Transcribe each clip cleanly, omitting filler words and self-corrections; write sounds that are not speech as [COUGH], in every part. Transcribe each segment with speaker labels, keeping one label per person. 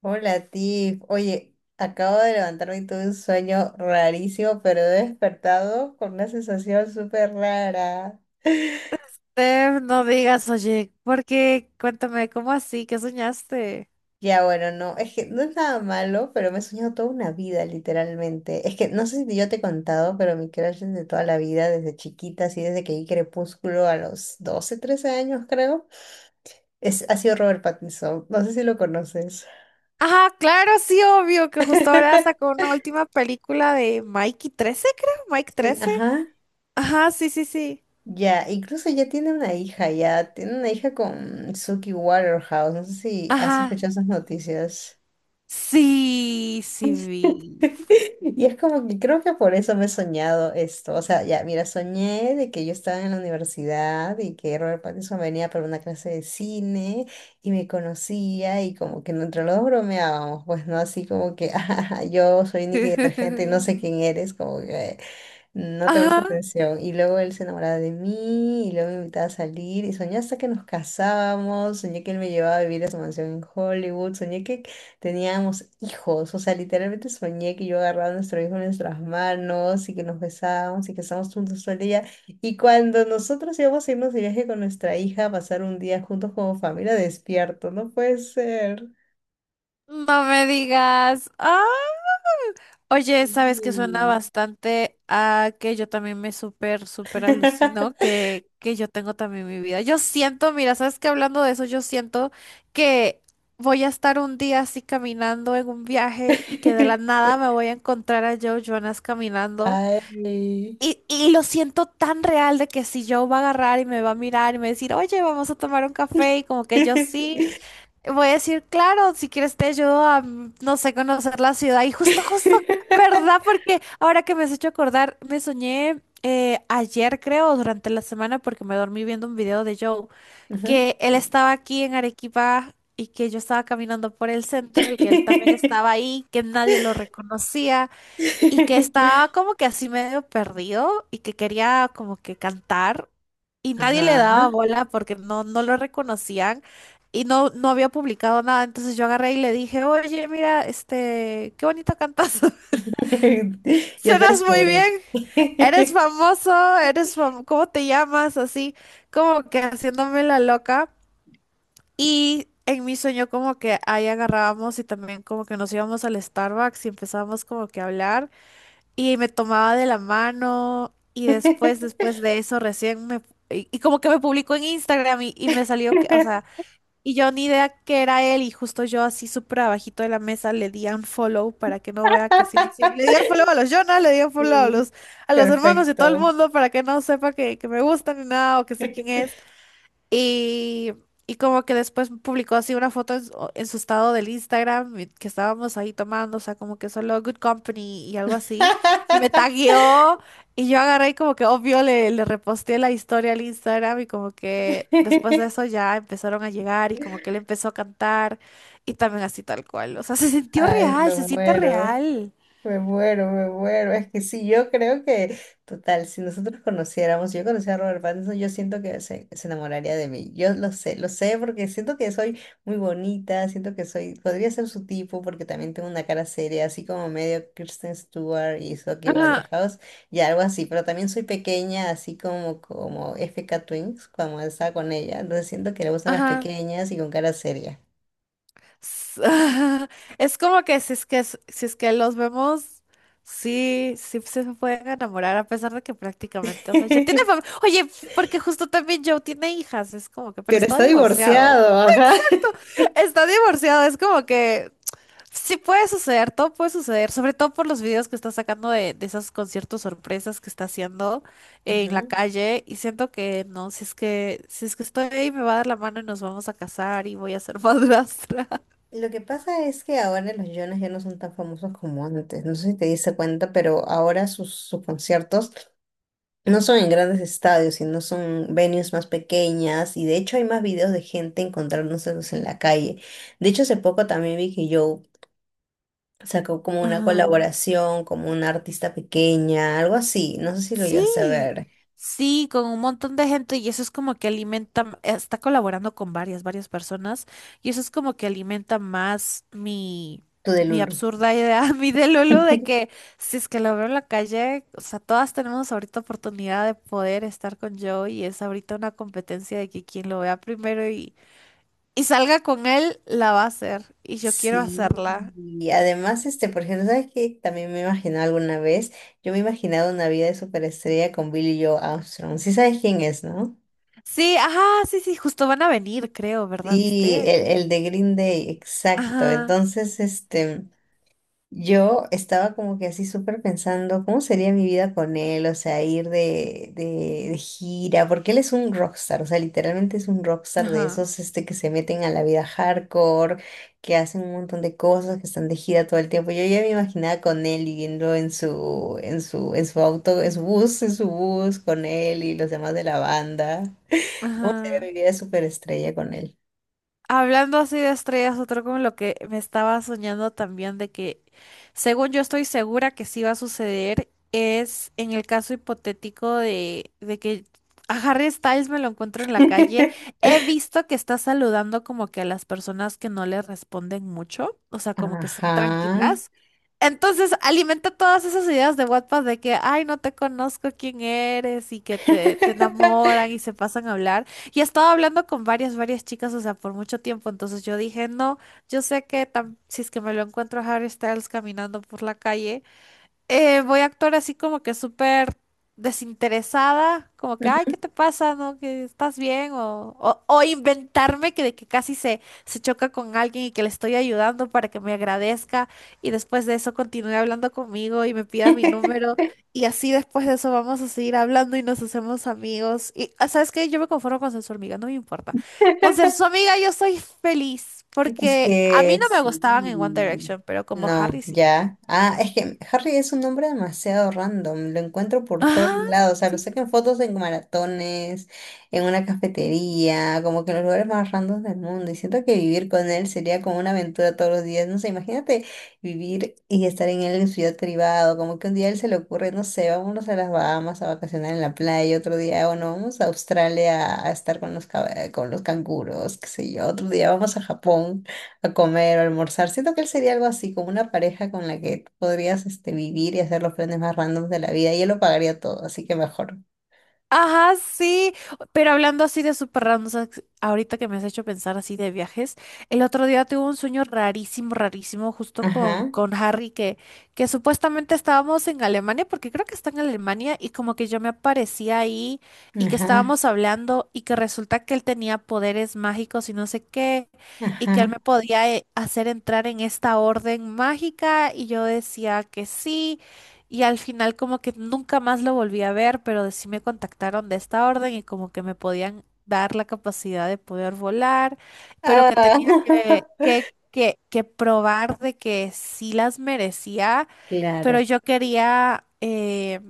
Speaker 1: Hola, Tiff. Oye, acabo de levantarme y tuve un sueño rarísimo, pero he despertado con una sensación súper rara. [LAUGHS]
Speaker 2: Steph, no digas, oye, porque cuéntame, ¿cómo así? ¿Qué soñaste?
Speaker 1: Ya, bueno, no, es que no es nada malo, pero me he soñado toda una vida, literalmente. Es que no sé si yo te he contado, pero mi crush es de toda la vida, desde chiquita, así desde que vi Crepúsculo a los 12, 13 años, creo, ha sido Robert Pattinson. No sé si lo conoces.
Speaker 2: Ajá, claro, sí, obvio, que justo ahora sacó
Speaker 1: [LAUGHS]
Speaker 2: una última película de Mikey 13, creo, Mike
Speaker 1: Sí,
Speaker 2: trece.
Speaker 1: ajá.
Speaker 2: Ajá, sí, sí, sí.
Speaker 1: Ya, incluso ya tiene una hija con Suki Waterhouse, no sé si has
Speaker 2: Ajá,
Speaker 1: escuchado esas noticias.
Speaker 2: sí, sí vi.
Speaker 1: [LAUGHS] Y es como que creo que por eso me he soñado esto. O sea, ya, mira, soñé de que yo estaba en la universidad y que Robert Pattinson venía para una clase de cine y me conocía y como que entre los dos bromeábamos, pues no, así como que, [LAUGHS] "Ah, yo soy Nicky Detergente y no sé
Speaker 2: [LAUGHS]
Speaker 1: quién eres, como que... No te
Speaker 2: Ajá,
Speaker 1: presta atención. Y luego él se enamoraba de mí y luego me invitaba a salir y soñé hasta que nos casábamos, soñé que él me llevaba a vivir a su mansión en Hollywood, soñé que teníamos hijos, o sea, literalmente soñé que yo agarraba a nuestro hijo en nuestras manos y que nos besábamos y que estábamos juntos todo el día. Y cuando nosotros íbamos a irnos de viaje con nuestra hija a pasar un día juntos como familia, despierto, no puede ser.
Speaker 2: no me digas. Oye, sabes que suena
Speaker 1: Sí.
Speaker 2: bastante a que yo también me súper, súper alucino,
Speaker 1: [LAUGHS]
Speaker 2: que yo tengo también mi vida. Yo siento, mira, sabes que hablando de eso, yo siento que voy a estar un día así caminando en un viaje y que de la nada me voy a encontrar a Joe Jonas caminando.
Speaker 1: Ay.
Speaker 2: Y lo siento tan real de que si Joe va a agarrar y me va a mirar y me va a decir, oye, vamos a tomar un café, y como que yo sí.
Speaker 1: [LAUGHS]
Speaker 2: Voy a decir, claro, si quieres te ayudo a, no sé, conocer la ciudad. Y justo, justo, ¿verdad? Porque ahora que me has hecho acordar, me soñé ayer, creo, durante la semana, porque me dormí viendo un video de Joe,
Speaker 1: Ujú.
Speaker 2: que él estaba aquí en Arequipa y que yo estaba caminando por el centro y que él también estaba ahí, que nadie lo reconocía y que
Speaker 1: [LAUGHS]
Speaker 2: estaba como que así medio perdido y que quería como que cantar y nadie le
Speaker 1: Ajá.
Speaker 2: daba bola porque no lo reconocían y no había publicado nada. Entonces yo agarré y le dije, oye, mira, este, qué bonito cantas. [LAUGHS]
Speaker 1: [LAUGHS] Yo te
Speaker 2: Suenas muy bien,
Speaker 1: descubrí.
Speaker 2: eres
Speaker 1: [LAUGHS]
Speaker 2: famoso, ¿cómo te llamas? Así, como que haciéndome la loca. Y en mi sueño como que ahí agarrábamos y también como que nos íbamos al Starbucks y empezábamos como que a hablar y me tomaba de la mano y después, después de eso recién me... Y como que me publicó en Instagram y me salió que, o sea, y yo ni idea que era él y justo yo así súper abajito de la mesa le di un follow para que no vea que sí lo sigo. Le di un follow a los Jonas, le di un follow
Speaker 1: Sí,
Speaker 2: a los hermanos y todo el
Speaker 1: perfecto.
Speaker 2: mundo para que no sepa que me gustan ni nada o que sé quién
Speaker 1: [LAUGHS]
Speaker 2: es. Y, y como que después publicó así una foto en su estado del Instagram y que estábamos ahí tomando, o sea, como que solo Good Company y algo así. Y me tagueó y yo agarré y como que obvio le, le reposté la historia al Instagram y como que después de eso ya empezaron a llegar y como que él empezó a cantar y también así tal cual. O sea, [LAUGHS] se sintió
Speaker 1: Ay,
Speaker 2: real,
Speaker 1: me
Speaker 2: se siente
Speaker 1: muero.
Speaker 2: real.
Speaker 1: Me muero, me muero. Es que sí, yo creo que, total, si nosotros conociéramos, si yo conociera a Robert Pattinson, yo siento que se enamoraría de mí. Yo lo sé, porque siento que soy muy bonita, podría ser su tipo, porque también tengo una cara seria, así como medio Kristen Stewart y Zoe
Speaker 2: Ajá,
Speaker 1: Waterhouse, y algo así, pero también soy pequeña, así como, como FK Twins, cuando estaba con ella. Entonces siento que le gustan las
Speaker 2: ajá.
Speaker 1: pequeñas y con cara seria.
Speaker 2: S- [LAUGHS] Es como que si es que si es que los vemos, sí, sí se pueden enamorar, a pesar de que prácticamente, o sea, ya tiene
Speaker 1: [LAUGHS]
Speaker 2: familia. Oye, porque justo también Joe tiene hijas, es como que, pero
Speaker 1: Pero
Speaker 2: está
Speaker 1: está
Speaker 2: divorciado.
Speaker 1: divorciado, ajá.
Speaker 2: [LAUGHS] Está divorciado, es como que sí puede suceder, todo puede suceder, sobre todo por los videos que está sacando de esos conciertos sorpresas que está haciendo en la
Speaker 1: Ujú.
Speaker 2: calle y siento que no, si es que si es que estoy ahí me va a dar la mano y nos vamos a casar y voy a ser madrastra.
Speaker 1: Lo que pasa es que ahora los Jonas ya no son tan famosos como antes. No sé si te diste cuenta, pero ahora sus conciertos no son en grandes estadios, sino son venues más pequeñas. Y de hecho hay más videos de gente encontrándoselos en la calle. De hecho, hace poco también vi que Joe sacó
Speaker 2: [LAUGHS]
Speaker 1: como una
Speaker 2: Ajá.
Speaker 1: colaboración, como una artista pequeña, algo así. No sé si lo llegaste a
Speaker 2: Sí,
Speaker 1: ver.
Speaker 2: sí, con un montón de gente y eso es como que alimenta, está colaborando con varias, varias personas y eso es como que alimenta más mi,
Speaker 1: Tú de
Speaker 2: mi
Speaker 1: Lulu.
Speaker 2: absurda idea, [LAUGHS] mi de que si es que lo veo en la calle, o sea, todas tenemos ahorita oportunidad de poder estar con Joe y es ahorita una competencia de que quien lo vea primero y salga con él, la va a hacer y yo quiero
Speaker 1: Sí,
Speaker 2: hacerla.
Speaker 1: y además, este, por ejemplo, ¿sabes qué? También me he imaginado alguna vez, yo me he imaginado una vida de superestrella con Billy Joe Armstrong, sí sabes quién es, ¿no?
Speaker 2: Sí, ajá, sí, sí, justo van a venir, creo, ¿verdad?
Speaker 1: Sí,
Speaker 2: ¿Viste?
Speaker 1: el de Green Day, exacto,
Speaker 2: Ajá,
Speaker 1: entonces, este, yo estaba como que así súper pensando, ¿cómo sería mi vida con él? O sea, ir de gira, porque él es un rockstar, o sea, literalmente es un rockstar de
Speaker 2: ajá.
Speaker 1: esos este, que se meten a la vida hardcore, que hacen un montón de cosas, que están de gira todo el tiempo. Yo ya me imaginaba con él viviendo en su auto, en su bus, con él y los demás de la banda. ¿Cómo
Speaker 2: Ajá.
Speaker 1: sería mi vida de superestrella con él?
Speaker 2: Hablando así de estrellas, otro como lo que me estaba soñando también de que, según yo estoy segura que sí va a suceder, es en el caso hipotético de que a Harry Styles me lo encuentro en la calle.
Speaker 1: [LAUGHS]
Speaker 2: He visto que está saludando como que a las personas que no le responden mucho, o sea, como que están
Speaker 1: Ajá.
Speaker 2: tranquilas. Entonces alimenta todas esas ideas de WhatsApp de que, ay, no te conozco quién eres y que te enamoran y se pasan a hablar. Y estaba hablando con varias, varias chicas, o sea, por mucho tiempo. Entonces yo dije, no, yo sé que si es que me lo encuentro a Harry Styles caminando por la calle, voy a actuar así como que súper desinteresada, como que, ay, ¿qué
Speaker 1: [LAUGHS]
Speaker 2: te pasa? ¿No? ¿Que estás bien? O inventarme que de que casi se, se choca con alguien y que le estoy ayudando para que me agradezca y después de eso continúe hablando conmigo y me pida mi número y así después de eso vamos a seguir hablando y nos hacemos amigos. Y, ah, ¿sabes qué? Yo me conformo con ser su amiga, no me importa. Con ser su amiga yo soy feliz
Speaker 1: Es
Speaker 2: porque a
Speaker 1: que
Speaker 2: mí no me
Speaker 1: sí.
Speaker 2: gustaban en One Direction, pero como
Speaker 1: No,
Speaker 2: Harry sí.
Speaker 1: ya. Ah, es que Harry es un nombre demasiado random. Lo encuentro por todos
Speaker 2: Ajá,
Speaker 1: lados. O sea, lo
Speaker 2: sí.
Speaker 1: saco en fotos en maratones, en una cafetería, como que en los lugares más random del mundo. Y siento que vivir con él sería como una aventura todos los días. No sé, imagínate vivir y estar en él en su ciudad privado. Como que un día a él se le ocurre, no sé, vámonos a las Bahamas a vacacionar en la playa. Otro día, bueno, vamos a Australia a estar con los, cab- con los canguros, qué sé yo. Otro día vamos a Japón a comer o almorzar. Siento que él sería algo así, como una pareja con la que podrías este, vivir y hacer los planes más randoms de la vida y él lo pagaría todo, así que mejor.
Speaker 2: Ajá, sí, pero hablando así de súper random, ¿sabes? Ahorita que me has hecho pensar así de viajes, el otro día tuve un sueño rarísimo, rarísimo, justo
Speaker 1: Ajá,
Speaker 2: con Harry, que supuestamente estábamos en Alemania, porque creo que está en Alemania, y como que yo me aparecía ahí y que
Speaker 1: ajá,
Speaker 2: estábamos hablando y que resulta que él tenía poderes mágicos y no sé qué, y que él me
Speaker 1: ajá.
Speaker 2: podía hacer entrar en esta orden mágica, y yo decía que sí. Y al final como que nunca más lo volví a ver, pero sí me contactaron de esta orden y como que me podían dar la capacidad de poder volar, pero que
Speaker 1: Ah,
Speaker 2: tenía que,
Speaker 1: [LAUGHS]
Speaker 2: que, que, que probar de que sí las merecía, pero
Speaker 1: claro.
Speaker 2: yo quería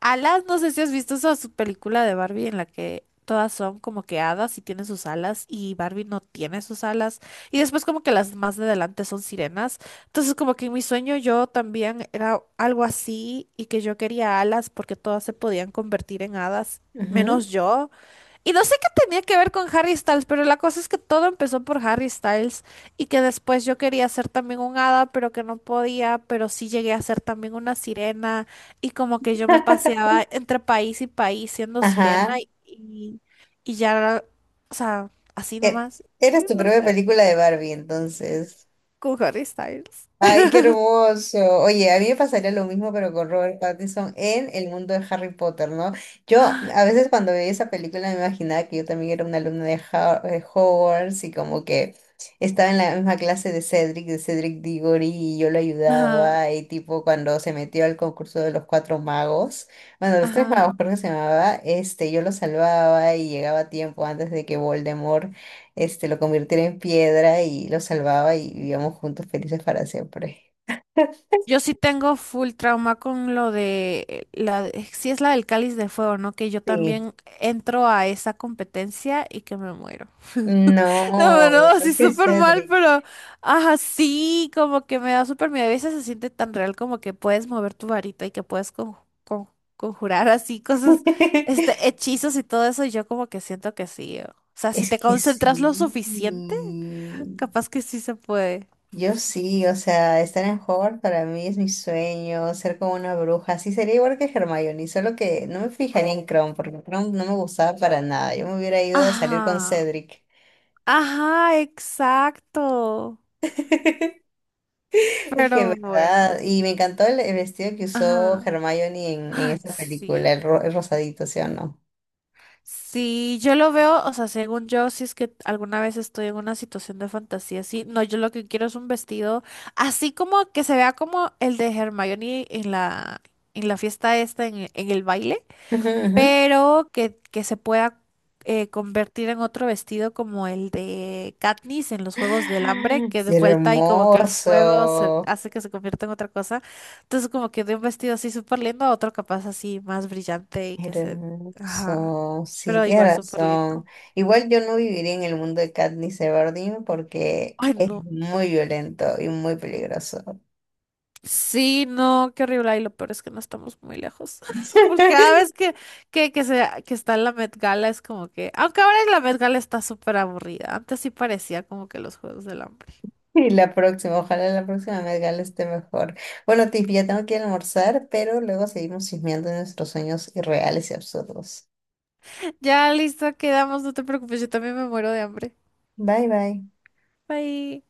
Speaker 2: alas, no sé si has visto esa su película de Barbie en la que todas son como que hadas y tienen sus alas y Barbie no tiene sus alas y después como que las más de adelante son sirenas. Entonces, como que en mi sueño yo también era algo así y que yo quería alas porque todas se podían convertir en hadas,
Speaker 1: Ujú.
Speaker 2: menos yo. Y no sé qué tenía que ver con Harry Styles, pero la cosa es que todo empezó por Harry Styles y que después yo quería ser también un hada, pero que no podía, pero sí llegué a ser también una sirena y como que yo me paseaba entre país y país siendo sirena
Speaker 1: Ajá.
Speaker 2: y, y ya, o sea, así
Speaker 1: E-
Speaker 2: nomás,
Speaker 1: Eres tu
Speaker 2: no
Speaker 1: propia
Speaker 2: sé,
Speaker 1: película de Barbie, entonces.
Speaker 2: con Harry Styles.
Speaker 1: Ay, qué hermoso. Oye, a mí me pasaría lo mismo, pero con Robert Pattinson en el mundo de Harry Potter, ¿no? Yo a veces cuando veía esa película me imaginaba que yo también era una alumna de Hogwarts y como que estaba en la misma clase de Cedric Diggory y yo lo
Speaker 2: Ajá,
Speaker 1: ayudaba y tipo cuando se metió al concurso de los cuatro magos, bueno, los tres
Speaker 2: ajá.
Speaker 1: magos creo que se llamaba, este, yo lo salvaba y llegaba a tiempo antes de que Voldemort este, lo convirtiera en piedra y lo salvaba y vivíamos juntos felices para siempre.
Speaker 2: Yo sí tengo full trauma con lo de la, si es la del Cáliz de Fuego, ¿no? Que yo
Speaker 1: Sí.
Speaker 2: también entro a esa competencia y que me muero. [LAUGHS] No, no,
Speaker 1: No,
Speaker 2: así
Speaker 1: que
Speaker 2: súper mal,
Speaker 1: Cedric.
Speaker 2: pero ajá, sí, como que me da súper miedo. A veces se siente tan real como que puedes mover tu varita y que puedes con- conjurar así cosas, este,
Speaker 1: [LAUGHS]
Speaker 2: hechizos y todo eso, y yo como que siento que sí. O sea, si
Speaker 1: Es
Speaker 2: te
Speaker 1: que sí.
Speaker 2: concentras lo suficiente, capaz que sí se puede.
Speaker 1: Yo sí, o sea, estar en Hogwarts para mí es mi sueño, ser como una bruja. Sí, sería igual que Hermione, solo que no me fijaría en Kron, porque Kron no me gustaba para nada. Yo me hubiera ido a salir con
Speaker 2: Ajá.
Speaker 1: Cedric.
Speaker 2: Ajá, exacto.
Speaker 1: [LAUGHS] Es que es
Speaker 2: Pero bueno,
Speaker 1: verdad, y me encantó el vestido que usó
Speaker 2: ajá.
Speaker 1: Hermione en
Speaker 2: Ah,
Speaker 1: esa película,
Speaker 2: sí.
Speaker 1: el rosadito, ¿sí o no?
Speaker 2: Sí, yo lo veo, o sea, según yo, si es que alguna vez estoy en una situación de fantasía así, no, yo lo que quiero es un vestido así como que se vea como el de Hermione en la fiesta esta en el baile.
Speaker 1: Ujú, ujú.
Speaker 2: Pero que se pueda convertir en otro vestido como el de Katniss en los Juegos del Hambre, que de
Speaker 1: Sí,
Speaker 2: vuelta y como que el fuego se
Speaker 1: hermoso,
Speaker 2: hace que se convierta en otra cosa. Entonces como que de un vestido así súper lindo a otro capaz así más brillante y que se... Ajá.
Speaker 1: hermoso, sí,
Speaker 2: Pero
Speaker 1: tienes
Speaker 2: igual súper lindo.
Speaker 1: razón. Igual yo no viviría en el mundo de Katniss Everdeen porque
Speaker 2: Ay,
Speaker 1: es
Speaker 2: no.
Speaker 1: muy violento y muy peligroso.
Speaker 2: Sí, no, qué horrible. Y lo peor es que no estamos muy lejos. [LAUGHS] Pues cada
Speaker 1: [LAUGHS]
Speaker 2: vez que está en la Met Gala es como que. Aunque ahora la Met Gala está súper aburrida. Antes sí parecía como que los Juegos del Hambre.
Speaker 1: Y la próxima, ojalá la próxima Met Gala esté mejor. Bueno, Tiff, ya tengo que ir a almorzar, pero luego seguimos chismeando de nuestros sueños irreales y absurdos.
Speaker 2: [LAUGHS] Ya listo, quedamos. No te preocupes, yo también me muero de hambre.
Speaker 1: Bye, bye.
Speaker 2: Bye.